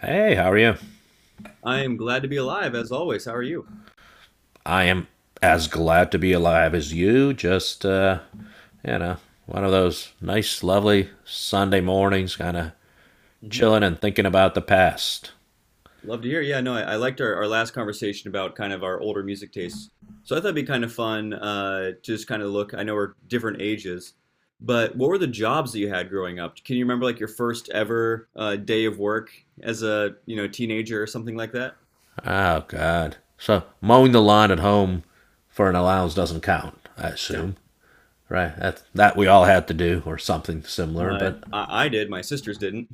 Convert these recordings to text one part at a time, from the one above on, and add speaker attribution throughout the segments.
Speaker 1: Hey, how are you?
Speaker 2: I am glad to be alive as always. How are you?
Speaker 1: I am as glad to be alive as you. Just, you know, one of those nice, lovely Sunday mornings, kind of
Speaker 2: Mhm.
Speaker 1: chilling and thinking about the past.
Speaker 2: Love to hear. Yeah, no, I liked our last conversation about kind of our older music tastes. So I thought it'd be kind of fun to just kind of look. I know we're different ages, but what were the jobs that you had growing up? Can you remember like your first ever day of work as a teenager or something like that?
Speaker 1: Oh, God. So, mowing the lawn at home for an allowance doesn't count, I
Speaker 2: Yeah.
Speaker 1: assume, right? That we all had to do, or something similar, but
Speaker 2: I did. My sisters didn't.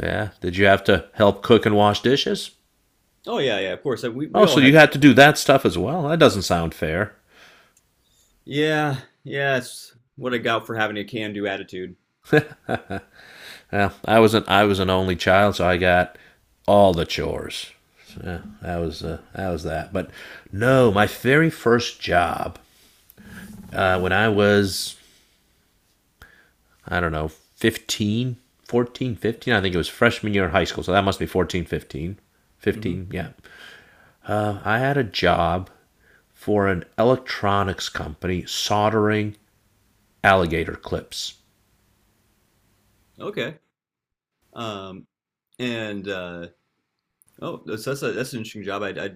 Speaker 1: yeah. Did you have to help cook and wash dishes?
Speaker 2: Oh yeah, yeah. Of course, we
Speaker 1: Oh,
Speaker 2: all
Speaker 1: so you
Speaker 2: had.
Speaker 1: had to do that stuff as well? That doesn't sound fair.
Speaker 2: Yeah, yeah. It's what I got for having a can-do attitude.
Speaker 1: Well, I was an only child, so I got all the chores. So, yeah, that was that was that. But no, my very first job when I was I don't know 15, 14, 15. I think it was freshman year in high school, so that must be 14, 15,
Speaker 2: hmm
Speaker 1: 15. Yeah, I had a job for an electronics company soldering alligator clips.
Speaker 2: Okay. Um, and oh, that's an interesting job. I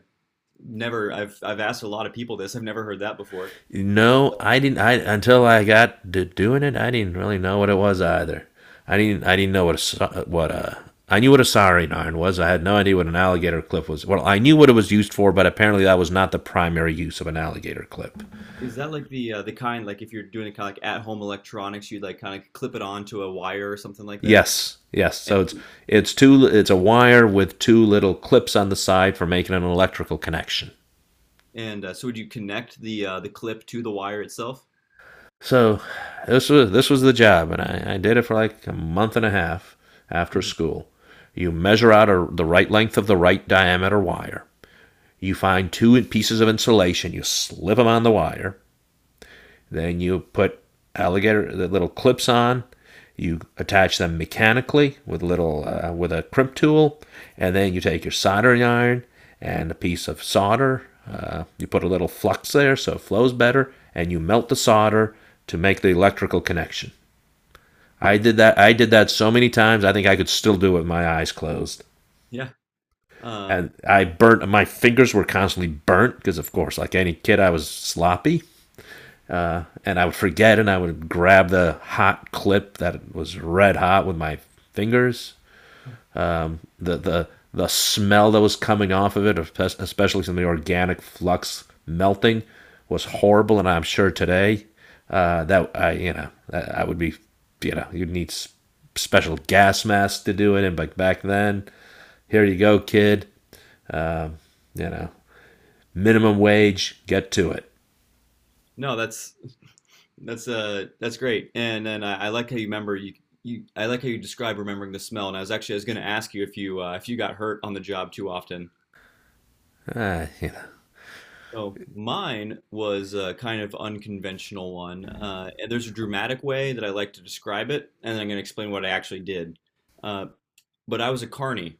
Speaker 2: Never. I've asked a lot of people this. I've never heard that before.
Speaker 1: No, I didn't. I Until I got to doing it, I didn't really know what it was either. I didn't know what a. I knew what a soldering iron was. I had no idea what an alligator clip was. Well, I knew what it was used for, but apparently that was not the primary use of an alligator clip.
Speaker 2: Is that like the kind like if you're doing kind of like at home electronics, you'd like kind of clip it onto a wire or something like that?
Speaker 1: Yes, yes.
Speaker 2: And
Speaker 1: So it's two. It's a wire with two little clips on the side for making an electrical connection.
Speaker 2: and so would you connect the clip to the wire itself?
Speaker 1: So this was the job, and I did it for like a month and a half after
Speaker 2: Mhm.
Speaker 1: school. You measure out the right length of the right diameter wire. You find two pieces of insulation. You slip them on the wire. Then you put alligator the little clips on. You attach them mechanically with little with a crimp tool, and then you take your soldering iron and a piece of solder. You put a little flux there so it flows better, and you melt the solder to make the electrical connection. I did that so many times. I think I could still do it with my eyes closed.
Speaker 2: Yeah. Um,
Speaker 1: And I burnt. My fingers were constantly burnt because, of course, like any kid, I was sloppy. And I would forget, and I would grab the hot clip that was red hot with my fingers. The the the smell that was coming off of it, especially from the organic flux melting, was horrible. And I'm sure today that I you know I would be you'd need special gas masks to do it. And but back then, here you go, kid. Um, you know, minimum wage, get to it.
Speaker 2: no, that's great. And then I like how you remember you you I like how you describe remembering the smell. And I was going to ask you if you if you got hurt on the job too often.
Speaker 1: Uh, you know,
Speaker 2: So mine was a kind of unconventional one, and there's a dramatic way that I like to describe it, and then I'm going to explain what I actually did. Uh, but I was a carny,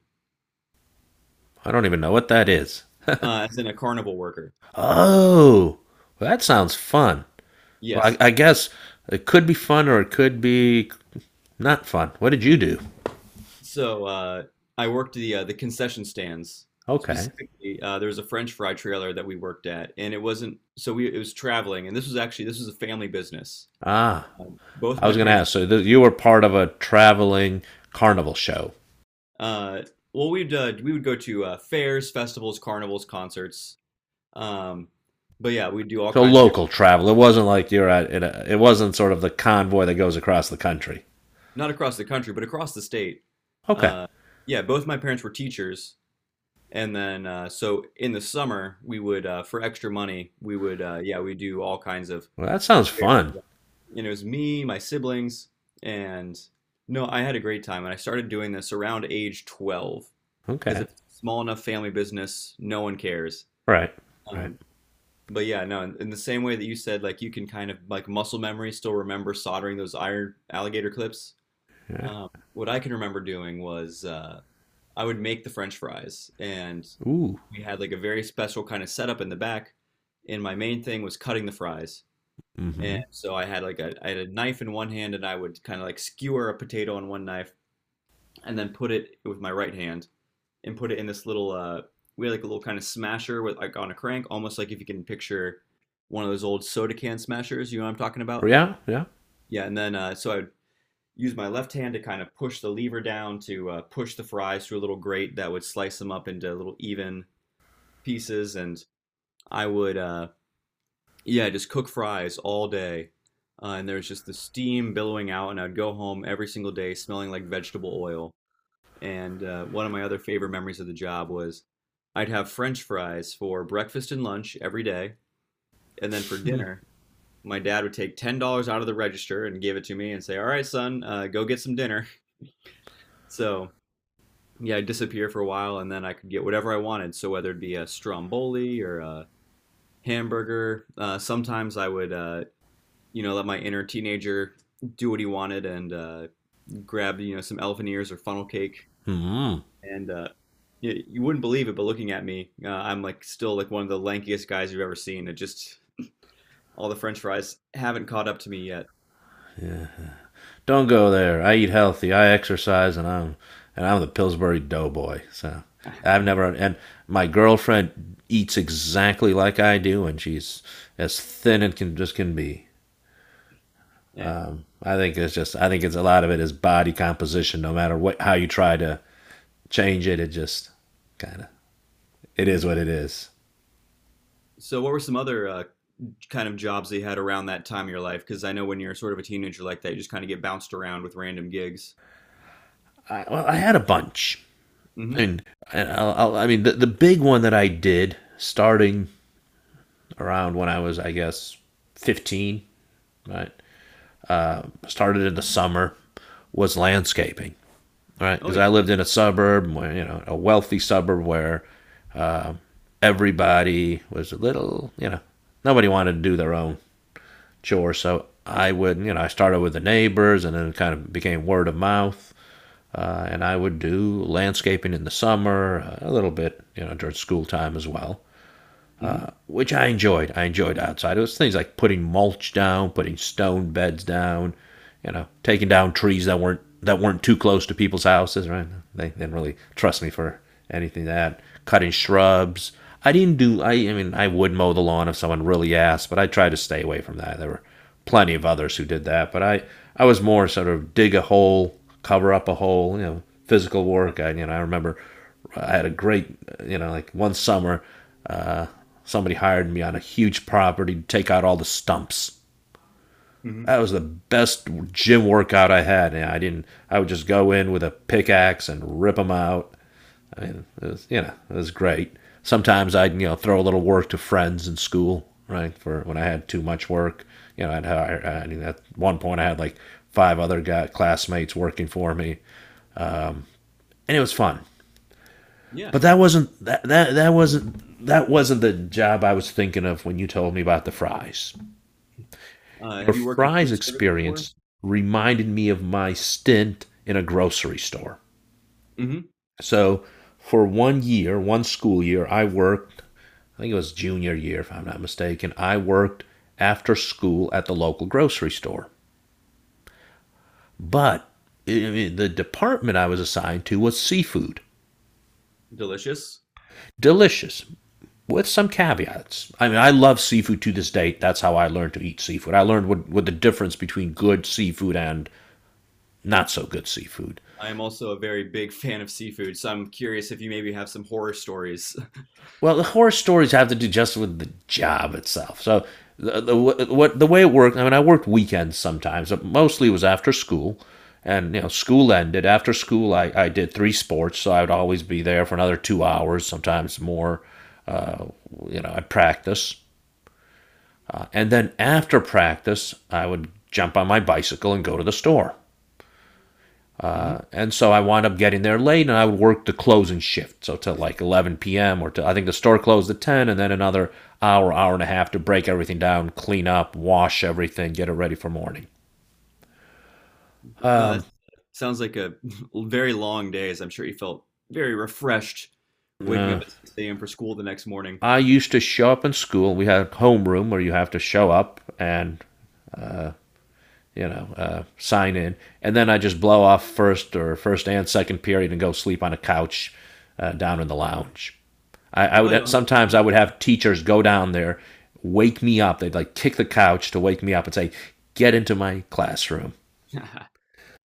Speaker 1: I don't even know what that is.
Speaker 2: as in a carnival worker.
Speaker 1: Oh, well, that sounds fun. Well,
Speaker 2: Yes.
Speaker 1: I guess it could be fun or it could be not fun. What did you do?
Speaker 2: So I worked the concession stands.
Speaker 1: Okay.
Speaker 2: Specifically, there was a French fry trailer that we worked at, and it wasn't so we it was traveling, and this was a family business.
Speaker 1: Ah,
Speaker 2: Both
Speaker 1: I
Speaker 2: my
Speaker 1: was going to
Speaker 2: parents.
Speaker 1: ask. So you were part of a traveling carnival show.
Speaker 2: Uh, well, we would go to fairs, festivals, carnivals, concerts. Um, but yeah, we do all
Speaker 1: So
Speaker 2: kinds of different,
Speaker 1: local travel. It wasn't like you're at. It wasn't sort of the convoy that goes across the country.
Speaker 2: not across the country, but across the state.
Speaker 1: Okay.
Speaker 2: Uh, yeah, both my parents were teachers, and then so in the summer we would for extra money we would yeah we do all kinds of
Speaker 1: Well, that sounds fun.
Speaker 2: it was me, my siblings, and no, I had a great time, and I started doing this around age 12 because
Speaker 1: Okay.
Speaker 2: if it's a small enough family business, no one cares.
Speaker 1: Right. Right.
Speaker 2: Um, But yeah, no, in the same way that you said, like you can kind of like muscle memory still remember soldering those iron alligator clips.
Speaker 1: Yeah.
Speaker 2: What I can remember doing was I would make the French fries, and
Speaker 1: Ooh.
Speaker 2: we had like a very special kind of setup in the back. And my main thing was cutting the fries. And
Speaker 1: Mm-hmm.
Speaker 2: so I had like a I had a knife in one hand, and I would kind of like skewer a potato on one knife, and then put it with my right hand and put it in this little we had like a little kind of smasher with like on a crank, almost like if you can picture one of those old soda can smashers, you know what I'm talking about?
Speaker 1: Yeah. Yeah.
Speaker 2: Yeah, and then so I would use my left hand to kind of push the lever down to push the fries through a little grate that would slice them up into little even pieces and I would yeah, just cook fries all day. And there was just the steam billowing out, and I'd go home every single day smelling like vegetable oil. And one of my other favorite memories of the job was I'd have French fries for breakfast and lunch every day. And then for dinner, my dad would take $10 out of the register and give it to me and say, "All right, son, go get some dinner." So, yeah, I'd disappear for a while and then I could get whatever I wanted. So, whether it be a stromboli or a hamburger, sometimes I would, let my inner teenager do what he wanted and grab, some elephant ears or funnel cake.
Speaker 1: Mm-hmm.
Speaker 2: And yeah, you wouldn't believe it, but looking at me, I'm still like one of the lankiest guys you've ever seen. It just all the French fries haven't caught up to me yet.
Speaker 1: Don't go there. I eat healthy. I exercise, and I'm the Pillsbury Doughboy. So I've never and my girlfriend eats exactly like I do, and she's as thin and can be.
Speaker 2: Yeah.
Speaker 1: I think it's just I think it's a lot of it is body composition. No matter what how you try to change it, it just kind of it
Speaker 2: hmm
Speaker 1: is what it is.
Speaker 2: So, what were some other kind of jobs that you had around that time of your life? Because I know when you're sort of a teenager like that, you just kind of get bounced around with random gigs.
Speaker 1: Well, I had a bunch,
Speaker 2: hmm
Speaker 1: and, I mean the big one that I did starting around when I was 15, right? Started in the summer was landscaping, right?
Speaker 2: Oh
Speaker 1: Because
Speaker 2: yeah.
Speaker 1: I lived in a suburb where, you know, a wealthy suburb where everybody was a little, you know, nobody wanted to do their own chore. So I would, you know, I started with the neighbors and then it kind of became word of mouth. And I would do landscaping in the summer, a little bit, you know, during school time as well.
Speaker 2: hmm
Speaker 1: Which I enjoyed. I enjoyed outside. It was things like putting mulch down, putting stone beds down, you know, taking down trees that weren't too close to people's houses. Right? They didn't really trust me for anything that cutting shrubs. I didn't do. I mean, I would mow the lawn if someone really asked, but I tried to stay away from that. There were plenty of others who did that, but I was more sort of dig a hole, cover up a hole, you know, physical
Speaker 2: Yeah.
Speaker 1: work. I you know I remember I had a great like one summer somebody hired me on a huge property to take out all the stumps.
Speaker 2: hmm
Speaker 1: That was the best gym workout I had. And I didn't. I would just go in with a pickaxe and rip them out. It was, you know, it was great. Sometimes I'd throw a little work to friends in school, right? For when I had too much work, you know, I'd hire. I mean, at one point I had like five other classmates working for me, and it was fun.
Speaker 2: Yeah.
Speaker 1: But that wasn't the job I was thinking of when you told me about the fries. Your
Speaker 2: Have you worked in
Speaker 1: fries
Speaker 2: food service before?
Speaker 1: experience reminded me of my stint in a grocery store.
Speaker 2: hmm
Speaker 1: So for 1 year, one school year, I think it was junior year, if I'm not mistaken, I worked after school at the local grocery store. But I The department I was assigned to was seafood.
Speaker 2: Delicious.
Speaker 1: Delicious, with some caveats. I mean, I love seafood to this day. That's how I learned to eat seafood. I learned what the difference between good seafood and not so good seafood.
Speaker 2: I am also a very big fan of seafood, so I'm curious if you maybe have some horror stories.
Speaker 1: Well, the horror stories have to do just with the job itself. So the, the the way it worked. I mean, I worked weekends sometimes, but mostly it was after school. And you know, school ended. After school, I did three sports, so I would always be there for another 2 hours, sometimes more. Uh, you know, I'd practice, and then after practice, I would jump on my bicycle and go to the store. And so I wound up getting there late, and I would work the closing shift, so to like 11 p.m. or to, I think the store closed at 10, and then another hour, hour and a half to break everything down, clean up, wash everything, get it ready for morning.
Speaker 2: No,
Speaker 1: Um,
Speaker 2: that sounds like a very long day, as I'm sure you felt very refreshed waking
Speaker 1: uh,
Speaker 2: up at 6 a.m. for school the next morning.
Speaker 1: I used to show up in school. We had a homeroom where you have to show up and sign in, and then I just blow off first or first and second period and go sleep on a couch down in the lounge.
Speaker 2: Oh, you'll have
Speaker 1: I
Speaker 2: lunch?
Speaker 1: would have teachers go down there, wake me up. They'd like kick the couch to wake me up and say, "Get into my classroom."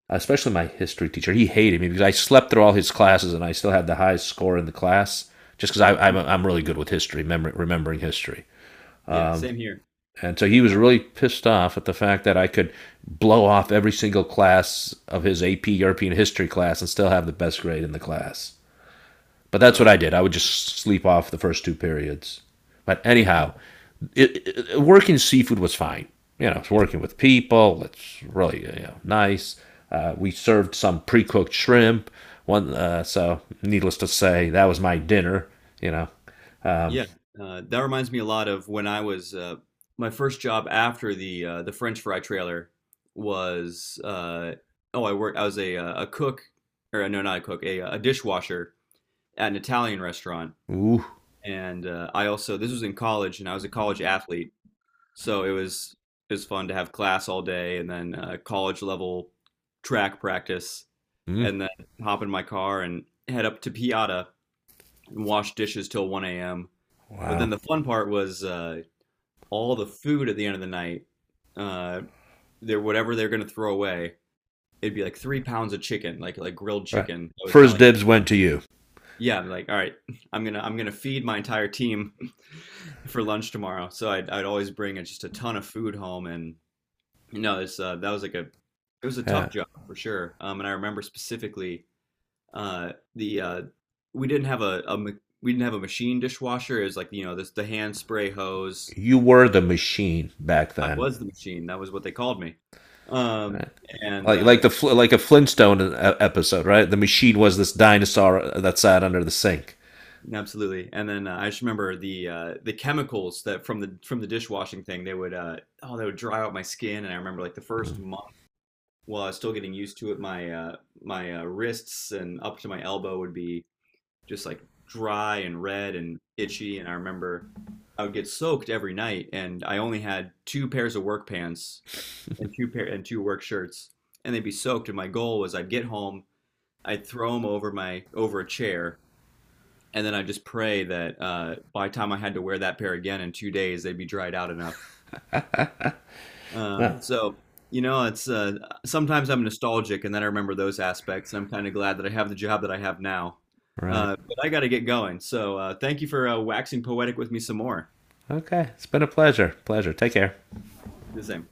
Speaker 1: Especially my history teacher, he hated me because I slept through all his classes and I still had the highest score in the class just because I'm really good with history, remembering history.
Speaker 2: Yeah, same here.
Speaker 1: And so he was
Speaker 2: Uh,
Speaker 1: really pissed off at the fact that I could blow off every single class of his AP European history class and still have the best grade in the class. But that's
Speaker 2: no,
Speaker 1: what I
Speaker 2: that's
Speaker 1: did. I would just sleep off the first two periods. But
Speaker 2: an
Speaker 1: anyhow,
Speaker 2: exciting.
Speaker 1: working seafood was fine. You know, it's
Speaker 2: Yeah,
Speaker 1: working with people. It's really, you know, nice. We served some pre-cooked shrimp. One, so needless to say, that was my dinner. You know, um,
Speaker 2: yeah. That reminds me a lot of when I was my first job after the French fry trailer was oh I was a cook or no not a cook a dishwasher at an Italian restaurant.
Speaker 1: ooh,
Speaker 2: And I also, this was in college and I was a college athlete. So it was fun to have class all day and then college level track practice,
Speaker 1: mm,
Speaker 2: and then hop in my car and head up to Piata and wash dishes till 1 a.m. But
Speaker 1: wow.
Speaker 2: then the fun part was all the food at the end of the night. Uh, they're whatever they're gonna throw away. It'd be like 3 pounds of chicken, like grilled
Speaker 1: Right.
Speaker 2: chicken. I was kind
Speaker 1: First
Speaker 2: of like,
Speaker 1: dibs went to you.
Speaker 2: yeah, I'm like all right, I'm gonna feed my entire team for lunch tomorrow. So I'd always bring just a ton of food home. And no, it's that was like a it was a
Speaker 1: Yeah.
Speaker 2: tough job for sure. And I remember specifically the we didn't have a, a ma- we didn't have a machine dishwasher. It was like this the hand spray hose.
Speaker 1: You were the machine back
Speaker 2: I
Speaker 1: then.
Speaker 2: was the machine. That was what they called me. Um,
Speaker 1: Right.
Speaker 2: and
Speaker 1: Like like the like a Flintstone episode, right? The machine was this dinosaur that sat under the sink.
Speaker 2: absolutely. And then I just remember the chemicals that from the dishwashing thing. They would dry out my skin. And I remember like the
Speaker 1: Mm.
Speaker 2: first month while I was still getting used to it, my wrists and up to my elbow would be just like dry and red and itchy. And I remember I would get soaked every night, and I only had two pairs of work pants and two work shirts, and they'd be soaked. And my goal was I'd get home, I'd throw them over a chair, and then I'd just pray that by the time I had to wear that pair again in 2 days, they'd be dried out enough. Um,
Speaker 1: Well,
Speaker 2: so, it's sometimes I'm nostalgic and then I remember those aspects. I'm kind of glad that I have the job that I have now.
Speaker 1: right.
Speaker 2: But I got to get going. So, thank you for waxing poetic with me some more.
Speaker 1: Okay. It's been a pleasure. Pleasure. Take care.
Speaker 2: The same.